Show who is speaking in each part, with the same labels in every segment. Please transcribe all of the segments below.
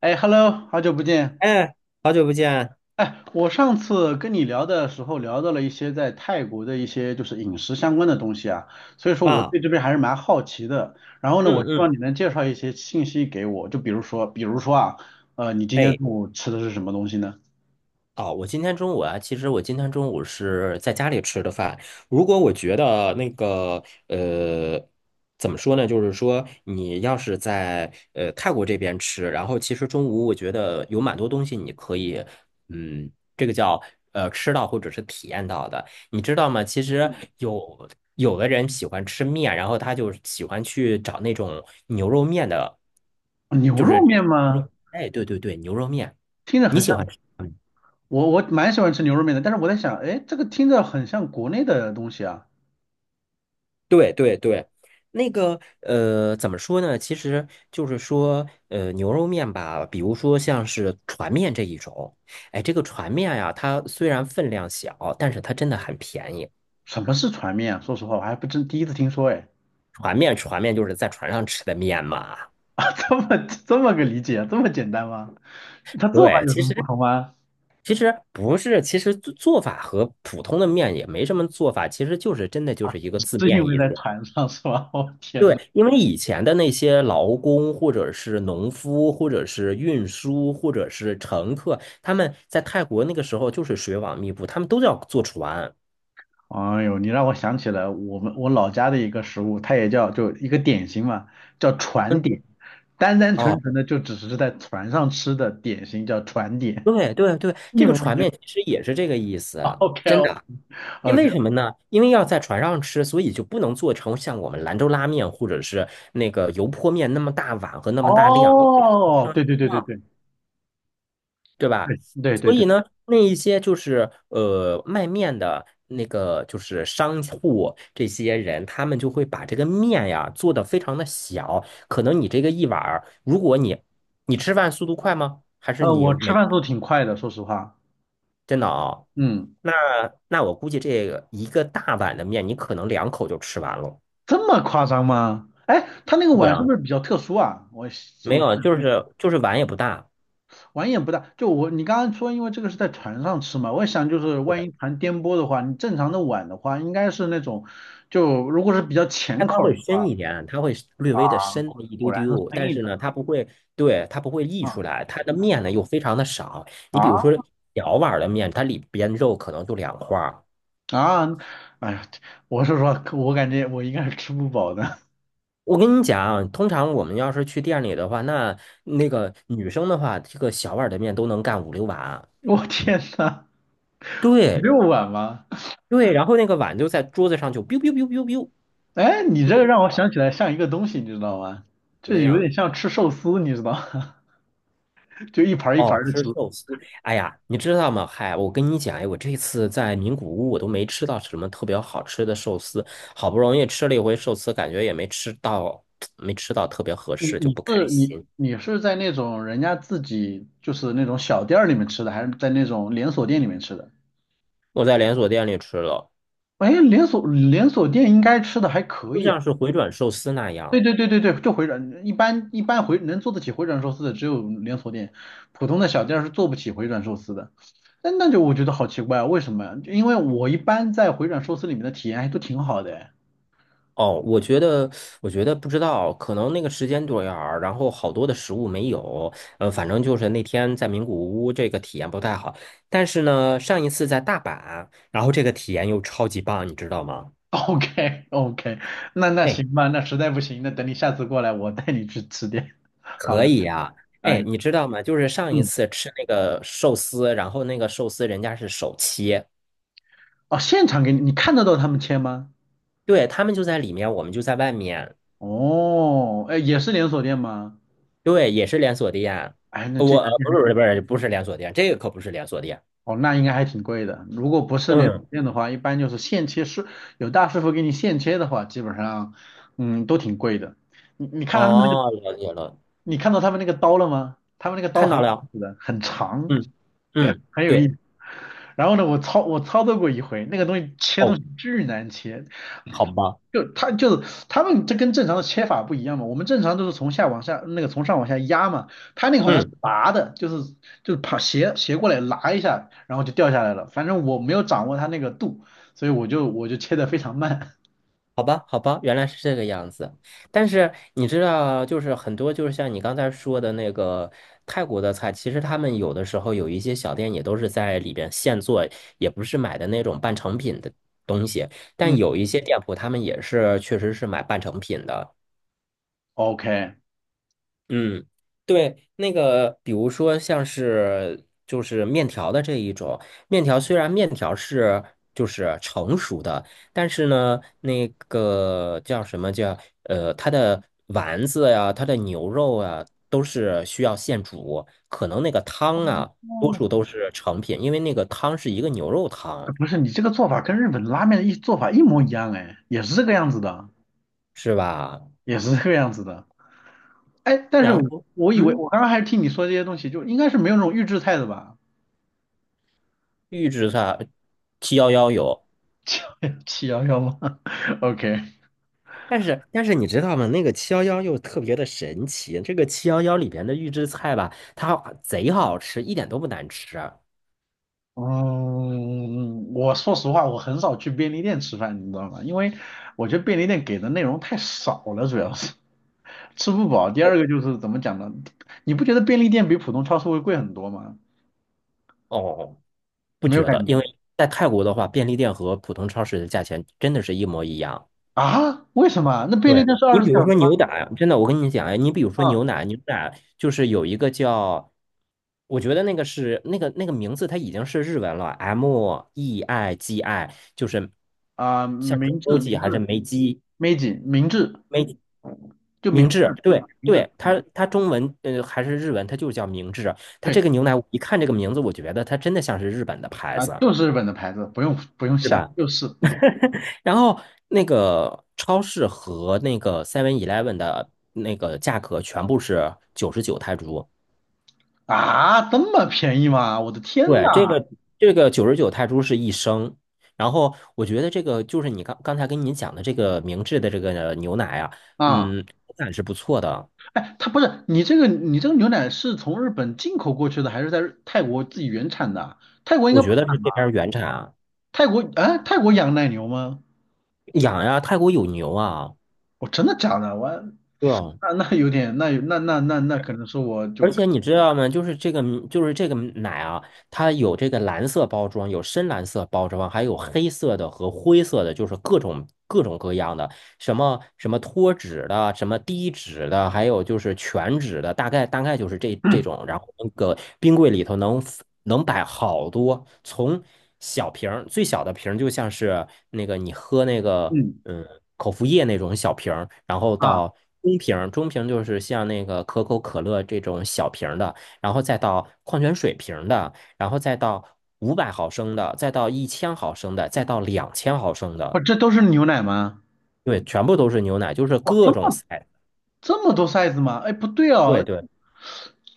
Speaker 1: 哎，Hello，好久不见。
Speaker 2: 哎，好久不见
Speaker 1: 哎，我上次跟你聊的时候聊到了一些在泰国的一些就是饮食相关的东西啊，所以说我
Speaker 2: 啊！
Speaker 1: 对这边还是蛮好奇的。然后呢，我
Speaker 2: 嗯
Speaker 1: 希望
Speaker 2: 嗯，
Speaker 1: 你能介绍一些信息给我，就比如说啊，你今天
Speaker 2: 哎，
Speaker 1: 中午吃的是什么东西呢？
Speaker 2: 哦，我今天中午啊，其实我今天中午是在家里吃的饭。如果我觉得那个怎么说呢？就是说，你要是在泰国这边吃，然后其实中午我觉得有蛮多东西你可以，这个叫吃到或者是体验到的，你知道吗？其实有的人喜欢吃面，然后他就喜欢去找那种牛肉面的，
Speaker 1: 牛
Speaker 2: 就是
Speaker 1: 肉
Speaker 2: 这
Speaker 1: 面
Speaker 2: 种牛
Speaker 1: 吗？
Speaker 2: 肉，哎，对对对，牛肉面，
Speaker 1: 听着
Speaker 2: 你
Speaker 1: 很
Speaker 2: 喜
Speaker 1: 像，
Speaker 2: 欢吃？
Speaker 1: 我蛮喜欢吃牛肉面的，但是我在想，哎，这个听着很像国内的东西啊。
Speaker 2: 对对对，那个怎么说呢？其实就是说，牛肉面吧，比如说像是船面这一种，哎，这个船面呀，它虽然分量小，但是它真的很便宜。
Speaker 1: 什么是船面啊说实话，我还不真第一次听说，哎，
Speaker 2: 船面，船面就是在船上吃的面嘛。
Speaker 1: 这么这么个理解，这么简单吗？它做法
Speaker 2: 对，
Speaker 1: 有什
Speaker 2: 其
Speaker 1: 么不
Speaker 2: 实
Speaker 1: 同吗？
Speaker 2: 其实不是，其实做法和普通的面也没什么做法，其实就是真的就是一个字
Speaker 1: 是因
Speaker 2: 面
Speaker 1: 为
Speaker 2: 意
Speaker 1: 在
Speaker 2: 思。
Speaker 1: 船上是吧？天呐，
Speaker 2: 对，因为以前的那些劳工，或者是农夫，或者是运输，或者是乘客，他们在泰国那个时候就是水网密布，他们都要坐船。
Speaker 1: 哎呦，你让我想起了我老家的一个食物，它也叫就一个点心嘛，叫
Speaker 2: 嗯，
Speaker 1: 船点，单单纯
Speaker 2: 哦，
Speaker 1: 纯的就只是在船上吃的点心叫船点，
Speaker 2: 对对对，
Speaker 1: 一
Speaker 2: 这个
Speaker 1: 模一
Speaker 2: 船面
Speaker 1: 样。
Speaker 2: 其实也是这个意 思，
Speaker 1: OK
Speaker 2: 真
Speaker 1: 哦
Speaker 2: 的。因
Speaker 1: OK，
Speaker 2: 为什么呢？因为要在船上吃，所以就不能做成像我们兰州拉面或者是那个油泼面那么大碗和那么大量，因为
Speaker 1: 哦，对对对对对
Speaker 2: 对吧？
Speaker 1: 对对
Speaker 2: 所
Speaker 1: 对
Speaker 2: 以
Speaker 1: 对，
Speaker 2: 呢，那一些就是卖面的那个就是商户这些人，他们就会把这个面呀做得非常的小。可能你这个一碗儿，如果你吃饭速度快吗？还是你
Speaker 1: 我吃
Speaker 2: 每
Speaker 1: 饭速度挺快的，说实话，
Speaker 2: 真的啊、
Speaker 1: 嗯，
Speaker 2: 那那我估计这个一个大碗的面，你可能两口就吃完了。
Speaker 1: 这么夸张吗？哎，他那个
Speaker 2: 对
Speaker 1: 碗是不
Speaker 2: 啊，
Speaker 1: 是比较特殊啊？我我
Speaker 2: 没有，就
Speaker 1: 我
Speaker 2: 是就是碗也不大。
Speaker 1: 碗也不大，就我你刚刚说，因为这个是在船上吃嘛，我想就是万
Speaker 2: 对。
Speaker 1: 一船颠簸的话，你正常的碗的话，应该是那种，就如果是比较
Speaker 2: 它
Speaker 1: 浅
Speaker 2: 它
Speaker 1: 口儿
Speaker 2: 会
Speaker 1: 的
Speaker 2: 深
Speaker 1: 话，
Speaker 2: 一点，它会略微的深那么一
Speaker 1: 果
Speaker 2: 丢
Speaker 1: 然是
Speaker 2: 丢，
Speaker 1: 深
Speaker 2: 但
Speaker 1: 一
Speaker 2: 是
Speaker 1: 点儿
Speaker 2: 呢，它不会，对，它不会溢
Speaker 1: 啊
Speaker 2: 出来，它的面呢又非常的少。你比如
Speaker 1: 啊
Speaker 2: 说小碗的面，它里边肉可能就2块儿。
Speaker 1: 啊！哎呀，我是说，我感觉我应该是吃不饱的。
Speaker 2: 我跟你讲，通常我们要是去店里的话，那个女生的话，这个小碗的面都能干5、6碗。
Speaker 1: 我天呐，
Speaker 2: 对
Speaker 1: 6碗吗？
Speaker 2: 对，然后那个碗就在桌子上就 biu biu biu biu biu,
Speaker 1: 哎，你这个让我想起来像一个东西，你知道吗？
Speaker 2: 怎么
Speaker 1: 这有点
Speaker 2: 样？
Speaker 1: 像吃寿司，你知道吗？就一盘儿一盘
Speaker 2: 哦，
Speaker 1: 的吃。
Speaker 2: 吃寿司。哎呀，你知道吗？嗨，我跟你讲，哎，我这次在名古屋，我都没吃到什么特别好吃的寿司。好不容易吃了一回寿司，感觉也没吃到，没吃到特别合
Speaker 1: 你
Speaker 2: 适，就
Speaker 1: 你
Speaker 2: 不开
Speaker 1: 是
Speaker 2: 心。
Speaker 1: 你你是在那种人家自己就是那种小店儿里面吃的，还是在那种连锁店里面吃的？
Speaker 2: 我在连锁店里吃了，
Speaker 1: 哎，连锁店应该吃的还可
Speaker 2: 就
Speaker 1: 以
Speaker 2: 像
Speaker 1: 啊。
Speaker 2: 是回转寿司那
Speaker 1: 对
Speaker 2: 样。
Speaker 1: 对对对对，就回转，一般回能做得起回转寿司的只有连锁店，普通的小店儿是做不起回转寿司的。那就我觉得好奇怪啊，为什么呀？就因为我一般在回转寿司里面的体验还都挺好的哎。
Speaker 2: 哦，我觉得，我觉得不知道，可能那个时间段儿，然后好多的食物没有。反正就是那天在名古屋这个体验不太好，但是呢，上一次在大阪，然后这个体验又超级棒，你知道吗？
Speaker 1: OK OK，那
Speaker 2: 哎，
Speaker 1: 行吧，那实在不行，那等你下次过来，我带你去吃点。好
Speaker 2: 可
Speaker 1: 了，
Speaker 2: 以呀、哎，
Speaker 1: 哎，
Speaker 2: 你知道吗？就是上一
Speaker 1: 嗯。
Speaker 2: 次吃那个寿司，然后那个寿司人家是手切，
Speaker 1: 哦，现场给你，你看得到他们切吗？
Speaker 2: 对，他们就在里面，我们就在外面，
Speaker 1: 哦，哎，也是连锁店吗？
Speaker 2: 对，也是连锁店。
Speaker 1: 哎，那这
Speaker 2: 我
Speaker 1: 家店还
Speaker 2: 不是不是
Speaker 1: 挺
Speaker 2: 不是连锁店，这个可不是连锁店。
Speaker 1: 哦，那应该还挺贵的。如果不是连锁
Speaker 2: 嗯，
Speaker 1: 店的话，一般就是现切师，有大师傅给你现切的话，基本上，嗯，都挺贵的。你你看到他们那个，
Speaker 2: 哦，了解了，
Speaker 1: 你看到他们那个刀了吗？他们那个刀
Speaker 2: 看
Speaker 1: 很
Speaker 2: 到
Speaker 1: 有意
Speaker 2: 了，
Speaker 1: 思的，很长，
Speaker 2: 嗯嗯，
Speaker 1: 很有意
Speaker 2: 对，
Speaker 1: 思。然后呢，我操作过一回，那个东西切东
Speaker 2: 哦，
Speaker 1: 西巨难切，
Speaker 2: 好吧。
Speaker 1: 就是他们这跟正常的切法不一样嘛，我们正常都是从上往下压嘛，他那个好像是
Speaker 2: 嗯。
Speaker 1: 拔的，就是爬斜斜过来拉一下，然后就掉下来了。反正我没有掌握他那个度，所以我就切的非常慢。
Speaker 2: 好吧，好吧，原来是这个样子。但是你知道，就是很多，就是像你刚才说的那个泰国的菜，其实他们有的时候有一些小店也都是在里边现做，也不是买的那种半成品的东西。但
Speaker 1: 嗯
Speaker 2: 有一些店铺，他们也是确实是买半成品的。
Speaker 1: ，OK，
Speaker 2: 嗯，对，那个比如说像是就是面条的这一种，面条虽然面条是就是成熟的，但是呢，那个叫什么叫它的丸子呀，它的牛肉啊，都是需要现煮，可能那个汤啊，多数都是成品，因为那个汤是一个牛肉汤，
Speaker 1: 不是你这个做法跟日本拉面的一做法一模一样哎，也是这个样子的，
Speaker 2: 是吧？
Speaker 1: 也是这个样子的。哎，但是
Speaker 2: 然
Speaker 1: 我
Speaker 2: 后
Speaker 1: 我以为
Speaker 2: 嗯，
Speaker 1: 我刚刚还是听你说这些东西，就应该是没有那种预制菜的吧？
Speaker 2: 预制菜七幺幺有。
Speaker 1: 七幺幺吗 ？OK。
Speaker 2: 但是但是你知道吗？那个七幺幺又特别的神奇，这个七幺幺里边的预制菜吧，它贼好吃，一点都不难吃。哦
Speaker 1: 嗯，我说实话，我很少去便利店吃饭，你知道吗？因为我觉得便利店给的内容太少了，主要是 吃不饱。第二个就是怎么讲呢？你不觉得便利店比普通超市会贵很多吗？
Speaker 2: 哦，不
Speaker 1: 没有
Speaker 2: 觉
Speaker 1: 感
Speaker 2: 得，
Speaker 1: 觉
Speaker 2: 因为在泰国的话，便利店和普通超市的价钱真的是一模一样。
Speaker 1: 啊？为什么？那便利
Speaker 2: 对，
Speaker 1: 店是二
Speaker 2: 你
Speaker 1: 十
Speaker 2: 比
Speaker 1: 四小
Speaker 2: 如
Speaker 1: 时
Speaker 2: 说
Speaker 1: 吗？
Speaker 2: 牛奶，真的，我跟你讲，哎你比如说
Speaker 1: 嗯
Speaker 2: 牛奶，牛奶就是有一个叫，我觉得那个是那个名字，它已经是日文了，MEIGI,就是
Speaker 1: 啊，
Speaker 2: 像是
Speaker 1: 明
Speaker 2: m
Speaker 1: 治
Speaker 2: u
Speaker 1: 明
Speaker 2: 还是
Speaker 1: 治
Speaker 2: 梅基
Speaker 1: Meiji 明治就明
Speaker 2: 明
Speaker 1: 治
Speaker 2: 治，对
Speaker 1: 啊明治，
Speaker 2: 对，它
Speaker 1: 嗯
Speaker 2: 它中文还是日文，它就是叫明治。它这
Speaker 1: 对
Speaker 2: 个牛奶，我一看这个名字，我觉得它真的像是日本的牌
Speaker 1: 啊，
Speaker 2: 子，
Speaker 1: 就是日本的牌子，不用不用
Speaker 2: 是
Speaker 1: 下，
Speaker 2: 吧？
Speaker 1: 就是
Speaker 2: 然后那个超市和那个 Seven Eleven 的那个价格全部是99泰铢。
Speaker 1: 这么便宜吗？我的天
Speaker 2: 对，这
Speaker 1: 呐！
Speaker 2: 个这个九十九泰铢是1升。然后我觉得这个就是你刚刚才跟你讲的这个明治的这个牛奶啊，
Speaker 1: 啊！
Speaker 2: 嗯，口感是不错的，
Speaker 1: 哎，它不是你这个牛奶是从日本进口过去的，还是在泰国自己原产的啊泰国应
Speaker 2: 我
Speaker 1: 该不
Speaker 2: 觉
Speaker 1: 产
Speaker 2: 得是这边
Speaker 1: 吧？
Speaker 2: 儿原产啊
Speaker 1: 泰国啊，泰国养奶牛吗？
Speaker 2: 养呀，泰国有牛啊。
Speaker 1: 我真的假的？我
Speaker 2: 对啊，
Speaker 1: 那那有点，那有那那那那可能是我
Speaker 2: 而
Speaker 1: 就
Speaker 2: 且你知道吗？就是这个，就是这个奶啊，它有这个蓝色包装，有深蓝色包装，还有黑色的和灰色的，就是各种各种各样的。什么什么脱脂的，什么低脂的，还有就是全脂的，大概就是这这 种。然后那个冰柜里头能能摆好多，从小瓶儿最小的瓶儿，就像是那个你喝那个
Speaker 1: 嗯
Speaker 2: 嗯口服液那种小瓶儿，然后
Speaker 1: 啊，
Speaker 2: 到中瓶就是像那个可口可乐这种小瓶的，然后再到矿泉水瓶的，然后再到500毫升的，再到1000毫升的，再到2000毫升
Speaker 1: 我
Speaker 2: 的。
Speaker 1: 这都是牛奶吗？
Speaker 2: 对，全部都是牛奶，就是
Speaker 1: 哇，这
Speaker 2: 各种
Speaker 1: 么
Speaker 2: size。
Speaker 1: 这么多 size 吗？哎，不对
Speaker 2: 对
Speaker 1: 哦，
Speaker 2: 对，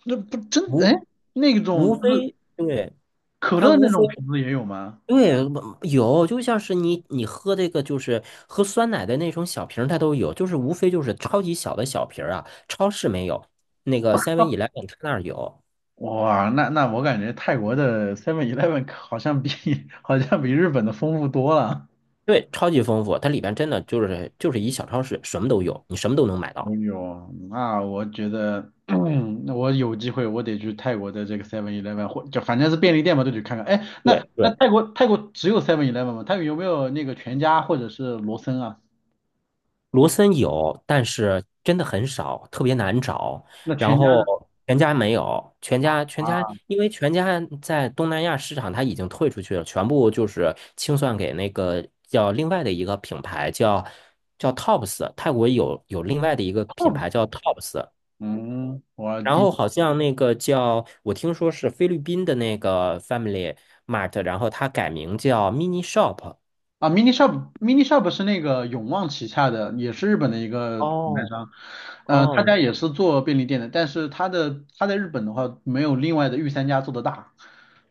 Speaker 1: 那不真哎，
Speaker 2: 无
Speaker 1: 那种
Speaker 2: 无
Speaker 1: 就是
Speaker 2: 非对
Speaker 1: 可
Speaker 2: 它
Speaker 1: 乐
Speaker 2: 无
Speaker 1: 那
Speaker 2: 非
Speaker 1: 种瓶子也有吗？
Speaker 2: 对有，就像是你你喝这个就是喝酸奶的那种小瓶儿它都有，就是无非就是超级小的小瓶儿啊，超市没有，那个 Seven Eleven 它那儿有，
Speaker 1: 哇，那我感觉泰国的 Seven Eleven 好像比 好像比日本的丰富多了。
Speaker 2: 对，超级丰富，它里边真的就是就是一小超市，什么都有，你什么都能买
Speaker 1: 没
Speaker 2: 到。
Speaker 1: 有，那我觉得，那我有机会我得去泰国的这个 Seven Eleven 或就反正是便利店嘛，都得看看。哎，那
Speaker 2: 对
Speaker 1: 那
Speaker 2: 对。
Speaker 1: 泰国只有 Seven Eleven 吗？泰国有没有那个全家或者是罗森啊？
Speaker 2: 罗森有，但是真的很少，特别难找。
Speaker 1: 那
Speaker 2: 然
Speaker 1: 全家呢？
Speaker 2: 后全家没有，全家全家，
Speaker 1: 啊
Speaker 2: 因为全家在东南亚市场它已经退出去了，全部就是清算给那个叫另外的一个品牌叫 Tops,泰国有另外的一个
Speaker 1: t o
Speaker 2: 品牌
Speaker 1: p
Speaker 2: 叫 Tops。
Speaker 1: 嗯，
Speaker 2: 然后好像那个叫，我听说是菲律宾的那个 Family Mart,然后它改名叫 Mini Shop。
Speaker 1: 啊 Mini Shop Mini Shop 是那个永旺旗下的，也是日本的一个品牌
Speaker 2: 哦
Speaker 1: 商，他
Speaker 2: 哦
Speaker 1: 家也是做便利店的，但是他在日本的话没有另外的御三家做的大。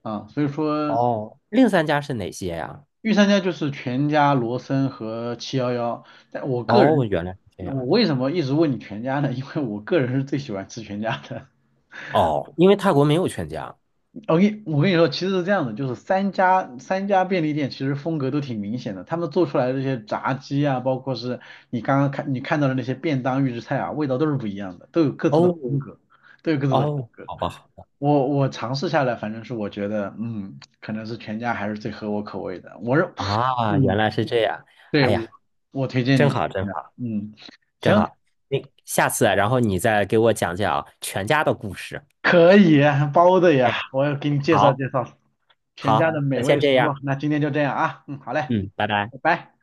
Speaker 1: 啊，所以说
Speaker 2: 哦，另三家是哪些呀？
Speaker 1: 御三家就是全家、罗森和七幺幺。但我个
Speaker 2: 哦，
Speaker 1: 人，
Speaker 2: 原来是这
Speaker 1: 我
Speaker 2: 样的。
Speaker 1: 为什么一直问你全家呢？因为我个人是最喜欢吃全家的。
Speaker 2: 哦，因为泰国没有全家。
Speaker 1: 我跟你说，其实是这样的，就是三家便利店其实风格都挺明显的，他们做出来的这些炸鸡啊，包括是你看到的那些便当预制菜啊，味道都是不一样的，都有各自的
Speaker 2: 哦
Speaker 1: 风格，都有各自的风
Speaker 2: 哦，
Speaker 1: 格。
Speaker 2: 好吧，好吧
Speaker 1: 我尝试下来，反正是我觉得，嗯，可能是全家还是最合我口味的。我认，
Speaker 2: 啊，原
Speaker 1: 嗯，
Speaker 2: 来是这样。
Speaker 1: 对，
Speaker 2: 哎
Speaker 1: 我
Speaker 2: 呀，
Speaker 1: 我推荐
Speaker 2: 真
Speaker 1: 你，
Speaker 2: 好，真好，
Speaker 1: 嗯，
Speaker 2: 真
Speaker 1: 行，
Speaker 2: 好。那下次啊，然后你再给我讲讲啊全家的故事。
Speaker 1: 可以，包的呀，
Speaker 2: 哎，
Speaker 1: 我要给你介绍
Speaker 2: 好，
Speaker 1: 介绍全家
Speaker 2: 好，
Speaker 1: 的
Speaker 2: 那
Speaker 1: 美
Speaker 2: 先
Speaker 1: 味食
Speaker 2: 这
Speaker 1: 物。
Speaker 2: 样。
Speaker 1: 那今天就这样啊，嗯，好嘞，
Speaker 2: 嗯，拜拜。
Speaker 1: 拜拜。